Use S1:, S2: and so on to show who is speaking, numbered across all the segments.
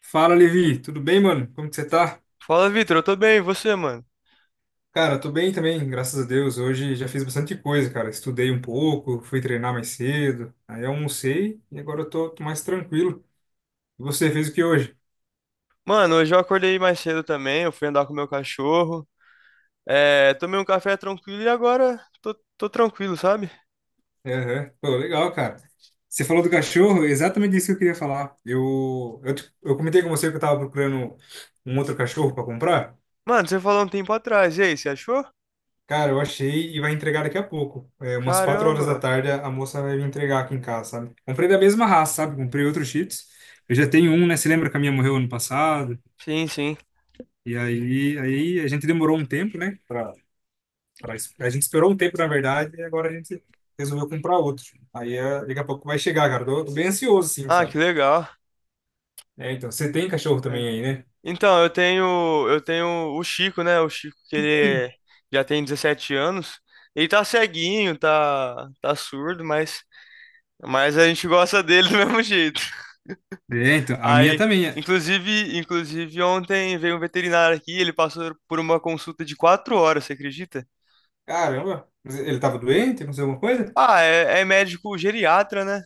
S1: Fala, Levi, tudo bem, mano? Como que você tá?
S2: Fala, Vitor, eu tô bem, e você, mano?
S1: Cara, tô bem também, graças a Deus. Hoje já fiz bastante coisa, cara. Estudei um pouco, fui treinar mais cedo, aí almocei e agora eu tô mais tranquilo. E você fez o que hoje?
S2: Mano, hoje eu acordei mais cedo também, eu fui andar com meu cachorro, tomei um café tranquilo e agora tô tranquilo, sabe?
S1: Aham. Pô, legal, cara. Você falou do cachorro, exatamente isso que eu queria falar. Eu comentei com você que eu tava procurando um outro cachorro pra comprar.
S2: Mano, você falou um tempo atrás, e aí, você achou?
S1: Cara, eu achei e vai entregar daqui a pouco. É, umas quatro horas da
S2: Caramba!
S1: tarde a moça vai me entregar aqui em casa, sabe? Comprei da mesma raça, sabe? Comprei outro Shih Tzus. Eu já tenho um, né? Você lembra que a minha morreu ano passado?
S2: Sim, sim.
S1: E aí a gente demorou um tempo, né? A gente esperou um tempo, na verdade, e agora a gente resolveu comprar outro. Aí é, daqui a pouco vai chegar, cara. Tô bem ansioso, sim,
S2: Ah,
S1: sabe?
S2: que legal.
S1: É, então, você tem cachorro
S2: É.
S1: também aí, né?
S2: Então, eu tenho o Chico, né? O Chico que ele já tem 17 anos, ele tá ceguinho, tá surdo, mas a gente gosta dele do mesmo jeito.
S1: É, então, a minha
S2: Aí,
S1: também é.
S2: inclusive ontem veio um veterinário aqui, ele passou por uma consulta de quatro horas, você acredita?
S1: Caramba, mas ele tava doente, aconteceu alguma coisa?
S2: Ah, é médico geriatra, né?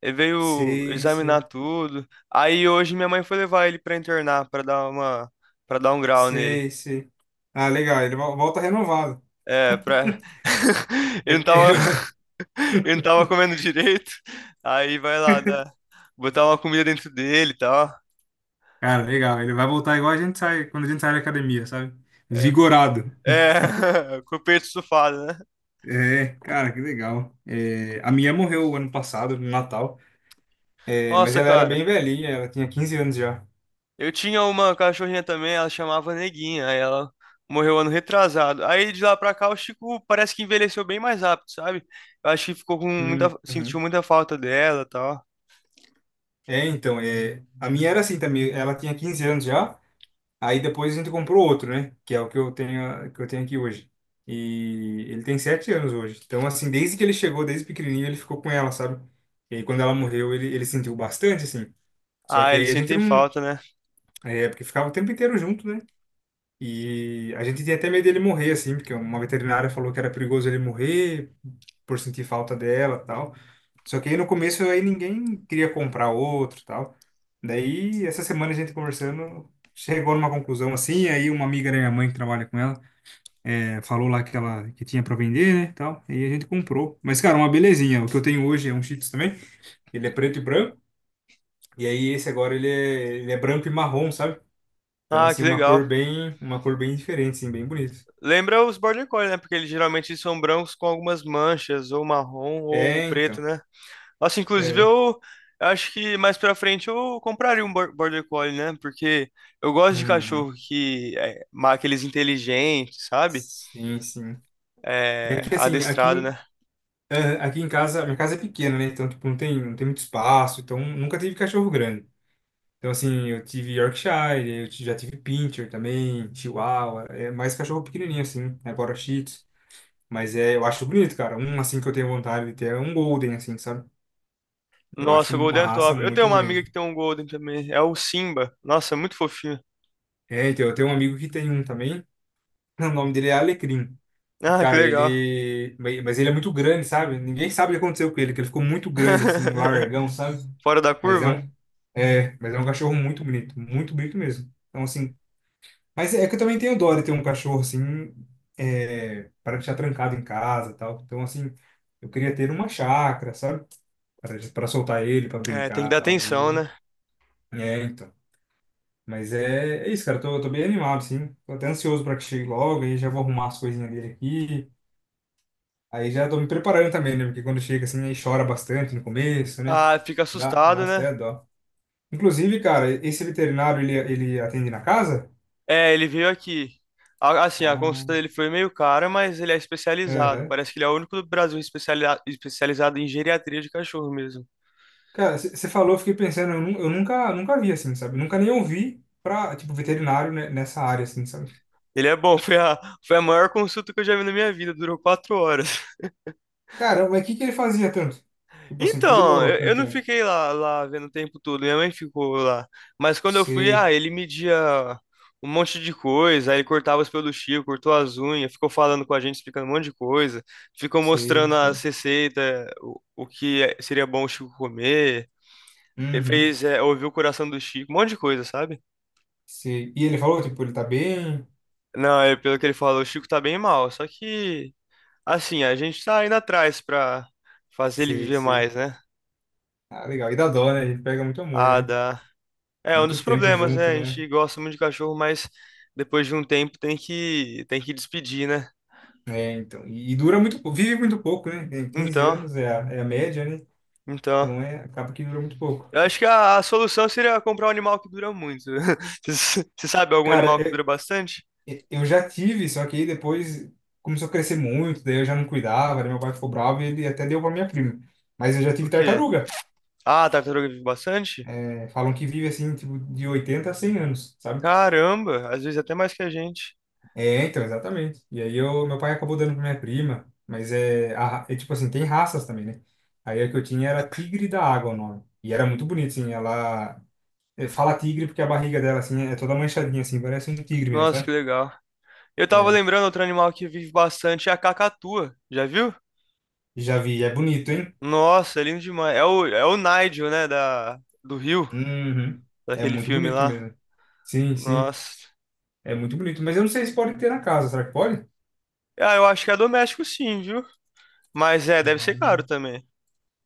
S2: Ele veio
S1: Sei,
S2: examinar
S1: sei.
S2: tudo. Aí hoje minha mãe foi levar ele pra internar, para dar um grau nele.
S1: Sei, sei. Ah, legal. Volta renovado.
S2: É, pra... ele não
S1: Ele,
S2: tava,
S1: ele vai...
S2: ele não tava comendo direito. Aí vai lá, botar uma comida dentro dele e tal.
S1: Cara, legal. Ele vai voltar igual a gente sai, quando a gente sai da academia, sabe?
S2: É, tu-
S1: Vigorado.
S2: com o peito estufado, né?
S1: É, cara, que legal. É, a minha morreu ano passado, no Natal. É, mas
S2: Nossa,
S1: ela era
S2: cara.
S1: bem velhinha, ela tinha 15 anos já.
S2: Eu tinha uma cachorrinha também, ela chamava Neguinha, aí ela morreu ano retrasado. Aí de lá pra cá o Chico parece que envelheceu bem mais rápido, sabe? Eu acho que ficou com sentiu
S1: Uhum.
S2: muita falta dela, e tal.
S1: É, então, é, a minha era assim também. Ela tinha 15 anos já. Aí depois a gente comprou outro, né? Que é o que eu tenho aqui hoje. E ele tem 7 anos hoje. Então, assim, desde que ele chegou, desde pequenininho, ele ficou com ela, sabe? E aí, quando ela morreu, ele sentiu bastante, assim. Só
S2: Ah,
S1: que
S2: eles
S1: aí a gente
S2: sentem
S1: não.
S2: falta, né?
S1: É, porque ficava o tempo inteiro junto, né? E a gente tinha até medo dele morrer, assim, porque uma veterinária falou que era perigoso ele morrer por sentir falta dela tal. Só que aí no começo aí ninguém queria comprar outro tal. Daí, essa semana a gente conversando, chegou numa conclusão assim, aí uma amiga da minha mãe que trabalha com ela, falou lá que ela que tinha para vender, né, tal, e a gente comprou. Mas, cara, uma belezinha. O que eu tenho hoje é um Shih Tzu também, ele é preto e branco, e aí esse agora ele é branco e marrom, sabe? Então,
S2: Ah,
S1: assim,
S2: que legal.
S1: uma cor bem diferente, assim, bem bonita.
S2: Lembra os Border Collie, né? Porque eles geralmente são brancos com algumas manchas, ou marrom, ou
S1: É,
S2: preto,
S1: então.
S2: né? Nossa, inclusive
S1: É.
S2: eu eu acho que mais pra frente eu compraria um Border Collie, né? Porque eu gosto de
S1: Uhum.
S2: cachorro que é aqueles inteligentes, sabe?
S1: Sim, sim. É
S2: É,
S1: que assim,
S2: adestrado,
S1: aqui,
S2: né?
S1: é, aqui em casa, minha casa é pequena, né? Então, tipo, não tem muito espaço. Então, nunca tive cachorro grande. Então, assim, eu tive Yorkshire, já tive Pinscher também, Chihuahua. É mais cachorro pequenininho, assim. Né? Agora Shih Tzu. Mas é, eu acho bonito, cara. Um, assim, que eu tenho vontade de ter é um Golden, assim, sabe? Eu acho
S2: Nossa, o
S1: uma
S2: Golden é
S1: raça
S2: top. Eu tenho
S1: muito
S2: uma amiga
S1: bonita.
S2: que tem um Golden também. É o Simba. Nossa, é muito fofinho.
S1: É, então, eu tenho um amigo que tem um também. O nome dele é Alecrim.
S2: Ah, que
S1: Cara,
S2: legal.
S1: ele. Mas ele é muito grande, sabe? Ninguém sabe o que aconteceu com ele, que ele ficou muito grande, assim, um largão, sabe?
S2: Fora da
S1: Mas é
S2: curva?
S1: um. É, mas é um cachorro muito bonito mesmo. Então, assim. Mas é que eu também tenho dó de ter um cachorro, assim, é, para deixar trancado em casa e tal. Então, assim, eu queria ter uma chácara, sabe? Para soltar ele, para
S2: É, tem que
S1: brincar e
S2: dar
S1: tal.
S2: atenção,
S1: E...
S2: né?
S1: É, então. Mas é, é isso, cara. Eu tô bem animado, assim. Tô até ansioso para que chegue logo, aí já vou arrumar as coisinhas dele aqui. Aí já tô me preparando também, né? Porque quando chega assim, aí chora bastante no começo, né?
S2: Ah, fica
S1: Dá
S2: assustado, né?
S1: até dó. Inclusive, cara, esse veterinário, ele atende na casa?
S2: É, ele veio aqui. Assim, a consulta
S1: Ah,
S2: dele foi meio cara, mas ele é especializado.
S1: aham.
S2: Parece que ele é o único do Brasil especializado em geriatria de cachorro mesmo.
S1: Cara, você falou, eu fiquei pensando, eu nunca, nunca vi assim, sabe? Nunca nem ouvi pra, tipo, veterinário né, nessa área, assim, sabe?
S2: Ele é bom, foi a maior consulta que eu já vi na minha vida, durou quatro horas.
S1: Cara, mas o que que ele fazia tanto? Tipo assim, por que
S2: Então,
S1: demorou
S2: eu
S1: tanto
S2: não
S1: tempo?
S2: fiquei lá vendo o tempo todo, minha mãe ficou lá. Mas quando eu fui, ah,
S1: Sei,
S2: ele media um monte de coisa, aí ele cortava os peluchinhos, cortou as unhas, ficou falando com a gente, explicando um monte de coisa, ficou
S1: sei,
S2: mostrando as
S1: sei.
S2: receitas, seria bom o Chico comer. Ele
S1: Uhum,
S2: fez, é, ouviu o coração do Chico, um monte de coisa, sabe?
S1: sei. E ele falou, tipo, ele tá bem?
S2: Não, é pelo que ele falou, o Chico tá bem mal, só que, assim, a gente tá indo atrás pra fazer ele
S1: Sei,
S2: viver
S1: sei.
S2: mais, né?
S1: Ah, legal. E dá dó, né? Ele pega muito amor,
S2: Ah,
S1: né?
S2: dá. É um dos
S1: Muito tempo
S2: problemas,
S1: junto,
S2: né? A
S1: né?
S2: gente gosta muito de cachorro, mas depois de um tempo tem que despedir, né?
S1: É, então. E dura muito, vive muito pouco, né? Tem quinze
S2: Então,
S1: anos é a média, né?
S2: então,
S1: Então é, acaba que dura muito pouco.
S2: eu acho que a solução seria comprar um animal que dura muito. Você sabe algum
S1: Cara,
S2: animal que dura bastante?
S1: eu já tive, só que aí depois começou a crescer muito, daí eu já não cuidava, daí meu pai ficou bravo e ele até deu pra minha prima. Mas eu já
S2: O
S1: tive
S2: quê?
S1: tartaruga.
S2: Ah, a tartaruga vive bastante?
S1: É, falam que vive assim, tipo, de oitenta a 100 anos, sabe?
S2: Caramba, às vezes até mais que a gente.
S1: É, então, exatamente. E aí eu, meu pai acabou dando pra minha prima, mas é, é tipo assim, tem raças também, né? Aí a que eu tinha era tigre da água o nome. E era muito bonito, assim, ela É, Fala tigre porque a barriga dela, assim, é toda manchadinha, assim, parece um tigre mesmo,
S2: Nossa, que
S1: sabe?
S2: legal. Eu tava
S1: É,
S2: lembrando outro animal que vive bastante é a cacatua. Já viu?
S1: já vi, é bonito, hein?
S2: Nossa, é lindo demais. É o Nigel, né, da do Rio,
S1: Uhum. É
S2: daquele
S1: muito
S2: filme
S1: bonito
S2: lá.
S1: mesmo. Sim, sim,
S2: Nossa.
S1: é muito bonito. Mas eu não sei se pode ter na casa, será que pode?
S2: Ah, eu acho que é doméstico sim, viu? Mas é, deve ser caro
S1: Hum.
S2: também.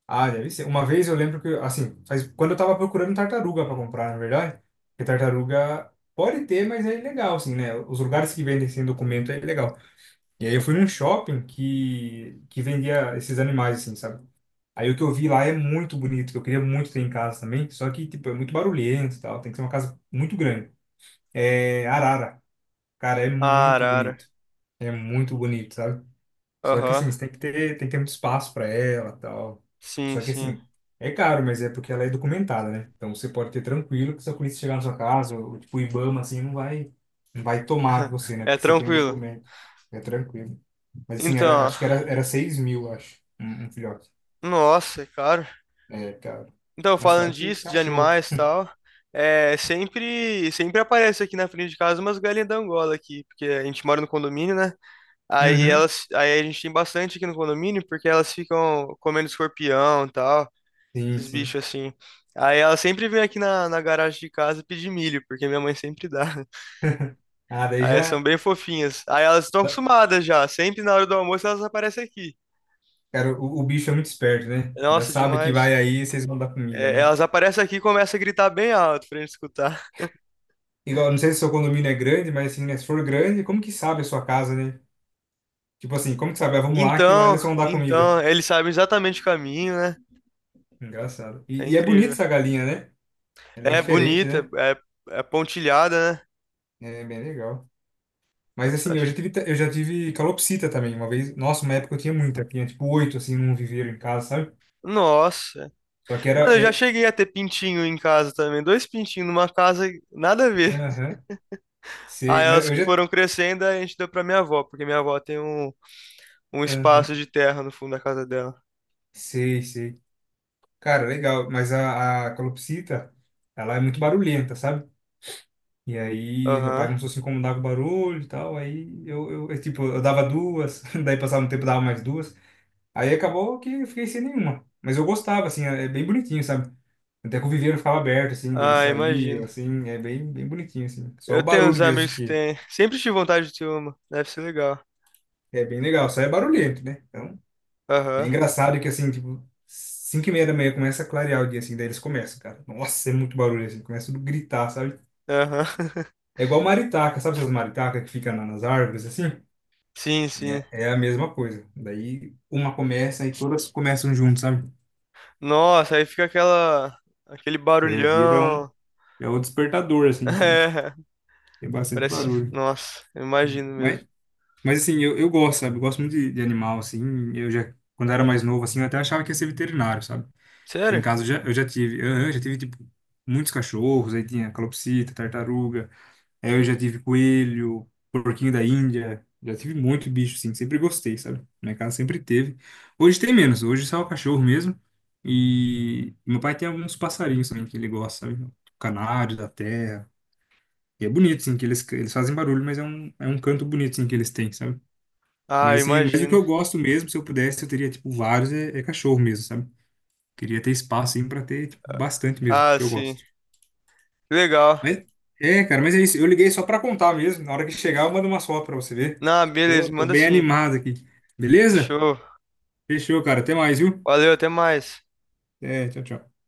S1: Ah, deve ser. Uma vez eu lembro que, assim, quando eu tava procurando tartaruga para comprar, na verdade, porque tartaruga pode ter, mas é ilegal, assim, né? Os lugares que vendem sem documento é ilegal. E aí eu fui num shopping que vendia esses animais, assim, sabe? Aí o que eu vi lá é muito bonito, que eu queria muito ter em casa também, só que, tipo, é muito barulhento e tal, tem que ser uma casa muito grande. É arara. Cara, é
S2: Ah,
S1: muito
S2: arara.
S1: bonito. É muito bonito, sabe? Só que assim,
S2: Aham.
S1: você tem que ter muito espaço para ela, tal.
S2: Sim,
S1: Só que
S2: sim.
S1: assim, é caro, mas é porque ela é documentada, né? Então você pode ter tranquilo que se a polícia chegar na sua casa, ou tipo o IBAMA assim, não vai tomar de você, né?
S2: É
S1: Porque você tem o
S2: tranquilo.
S1: documento. É tranquilo. Mas assim, era,
S2: Então,
S1: era 6 mil, acho, um filhote.
S2: nossa, é caro.
S1: É caro.
S2: Então,
S1: Mais
S2: falando
S1: caro que
S2: disso, de
S1: cachorro.
S2: animais e tal, é sempre aparece aqui na frente de casa umas galinhas da Angola aqui, porque a gente mora no condomínio, né?
S1: Uhum.
S2: Aí a gente tem bastante aqui no condomínio, porque elas ficam comendo escorpião e tal,
S1: Sim,
S2: esses
S1: sim.
S2: bichos assim. Aí elas sempre vêm aqui na garagem de casa pedir milho, porque minha mãe sempre dá.
S1: Ah, daí
S2: Ah, elas
S1: já.
S2: são bem fofinhas. Aí elas estão
S1: da-
S2: acostumadas já. Sempre na hora do almoço elas aparecem aqui.
S1: Cara, o bicho é muito esperto, né? Já
S2: Nossa,
S1: sabe que
S2: demais.
S1: vai aí, vocês vão dar comida,
S2: É,
S1: né?
S2: elas aparecem aqui e começam a gritar bem alto pra gente escutar.
S1: Igual, não sei se seu condomínio é grande, mas assim, né, se for grande, como que sabe a sua casa, né? Tipo assim, como que sabe? Ah, vamos lá que lá
S2: Então,
S1: eles vão dar comida.
S2: então, eles sabem exatamente o caminho, né?
S1: Engraçado.
S2: É
S1: E é bonita
S2: incrível.
S1: essa galinha, né? Ela é
S2: É
S1: diferente,
S2: bonita,
S1: né?
S2: é, é pontilhada, né?
S1: É bem legal. Mas
S2: Nossa, eu
S1: assim,
S2: acho.
S1: eu já tive calopsita também uma vez. Nossa, uma época eu tinha muita. Tinha tipo oito, assim, num viveiro em casa, sabe?
S2: Nossa.
S1: Só que era...
S2: Mano, eu já
S1: É,
S2: cheguei a ter pintinho em casa também. Dois pintinhos numa casa, nada a ver.
S1: aham,
S2: Aí
S1: sei. Não,
S2: elas
S1: eu já...
S2: foram crescendo, aí a gente deu pra minha avó, porque minha avó tem um espaço
S1: Aham,
S2: de terra no fundo da casa dela.
S1: sei, sei. Cara, legal. Mas a calopsita, ela é muito barulhenta, sabe? E aí meu pai
S2: Aham.
S1: começou a se incomodar com o barulho e tal, aí tipo, eu dava duas, daí passava um tempo, dava mais duas. Aí acabou que eu fiquei sem nenhuma. Mas eu gostava, assim, é bem bonitinho, sabe? Até que o viveiro ficava aberto, assim, dele
S2: Ah, imagino.
S1: saía, assim, é bem, bem bonitinho, assim. Só
S2: Eu
S1: o
S2: tenho uns
S1: barulho mesmo
S2: amigos que
S1: que
S2: têm. Sempre tive vontade de ter uma. Deve ser legal.
S1: é bem legal, só é barulhento, né? Então, é
S2: Aham,
S1: engraçado que, assim, tipo, 5:30 da manhã começa a clarear o dia, assim, daí eles começam, cara. Nossa, é muito barulho, assim, começa tudo a gritar, sabe?
S2: aham.
S1: É igual maritaca, sabe essas maritacas que ficam nas árvores, assim?
S2: Sim, sim.
S1: É a mesma coisa. Daí uma começa e todas começam junto, sabe?
S2: Nossa, aí fica aquela. Aquele
S1: É,
S2: barulhão.
S1: é o despertador, assim, sabe?
S2: É,
S1: Tem bastante
S2: parece.
S1: barulho.
S2: Nossa, eu imagino mesmo.
S1: Mas, mas assim, eu gosto, sabe? Eu gosto muito de animal, assim. Eu já, quando eu era mais novo, assim, eu até achava que ia ser veterinário, sabe? Então, em
S2: Sério?
S1: casa, eu já tive, tipo, muitos cachorros. Aí tinha calopsita, tartaruga, Aí eu já tive coelho, porquinho da Índia, já tive muito bicho, sim. Sempre gostei, sabe? Minha casa sempre teve. Hoje tem menos, hoje só é o cachorro mesmo. E meu pai tem alguns passarinhos também que ele gosta, sabe? O Canário da terra. E é bonito, sim, que eles fazem barulho, mas é um canto bonito, sim, que eles têm, sabe?
S2: Ah, eu
S1: Mas, assim, mas o que
S2: imagino.
S1: eu gosto mesmo, se eu pudesse, eu teria, tipo, vários, é, é cachorro mesmo, sabe? Queria ter espaço, assim, pra ter, tipo, bastante mesmo,
S2: Ah,
S1: que eu
S2: sim.
S1: gosto.
S2: Legal.
S1: Mas, é, cara, mas é isso. Eu liguei só pra contar mesmo. Na hora que chegar, eu mando uma foto pra você ver.
S2: Não,
S1: Tô,
S2: beleza,
S1: tô
S2: manda
S1: bem
S2: sim.
S1: animado aqui. Beleza?
S2: Fechou.
S1: Fechou, cara. Até mais, viu?
S2: Valeu, até mais.
S1: É, tchau, tchau.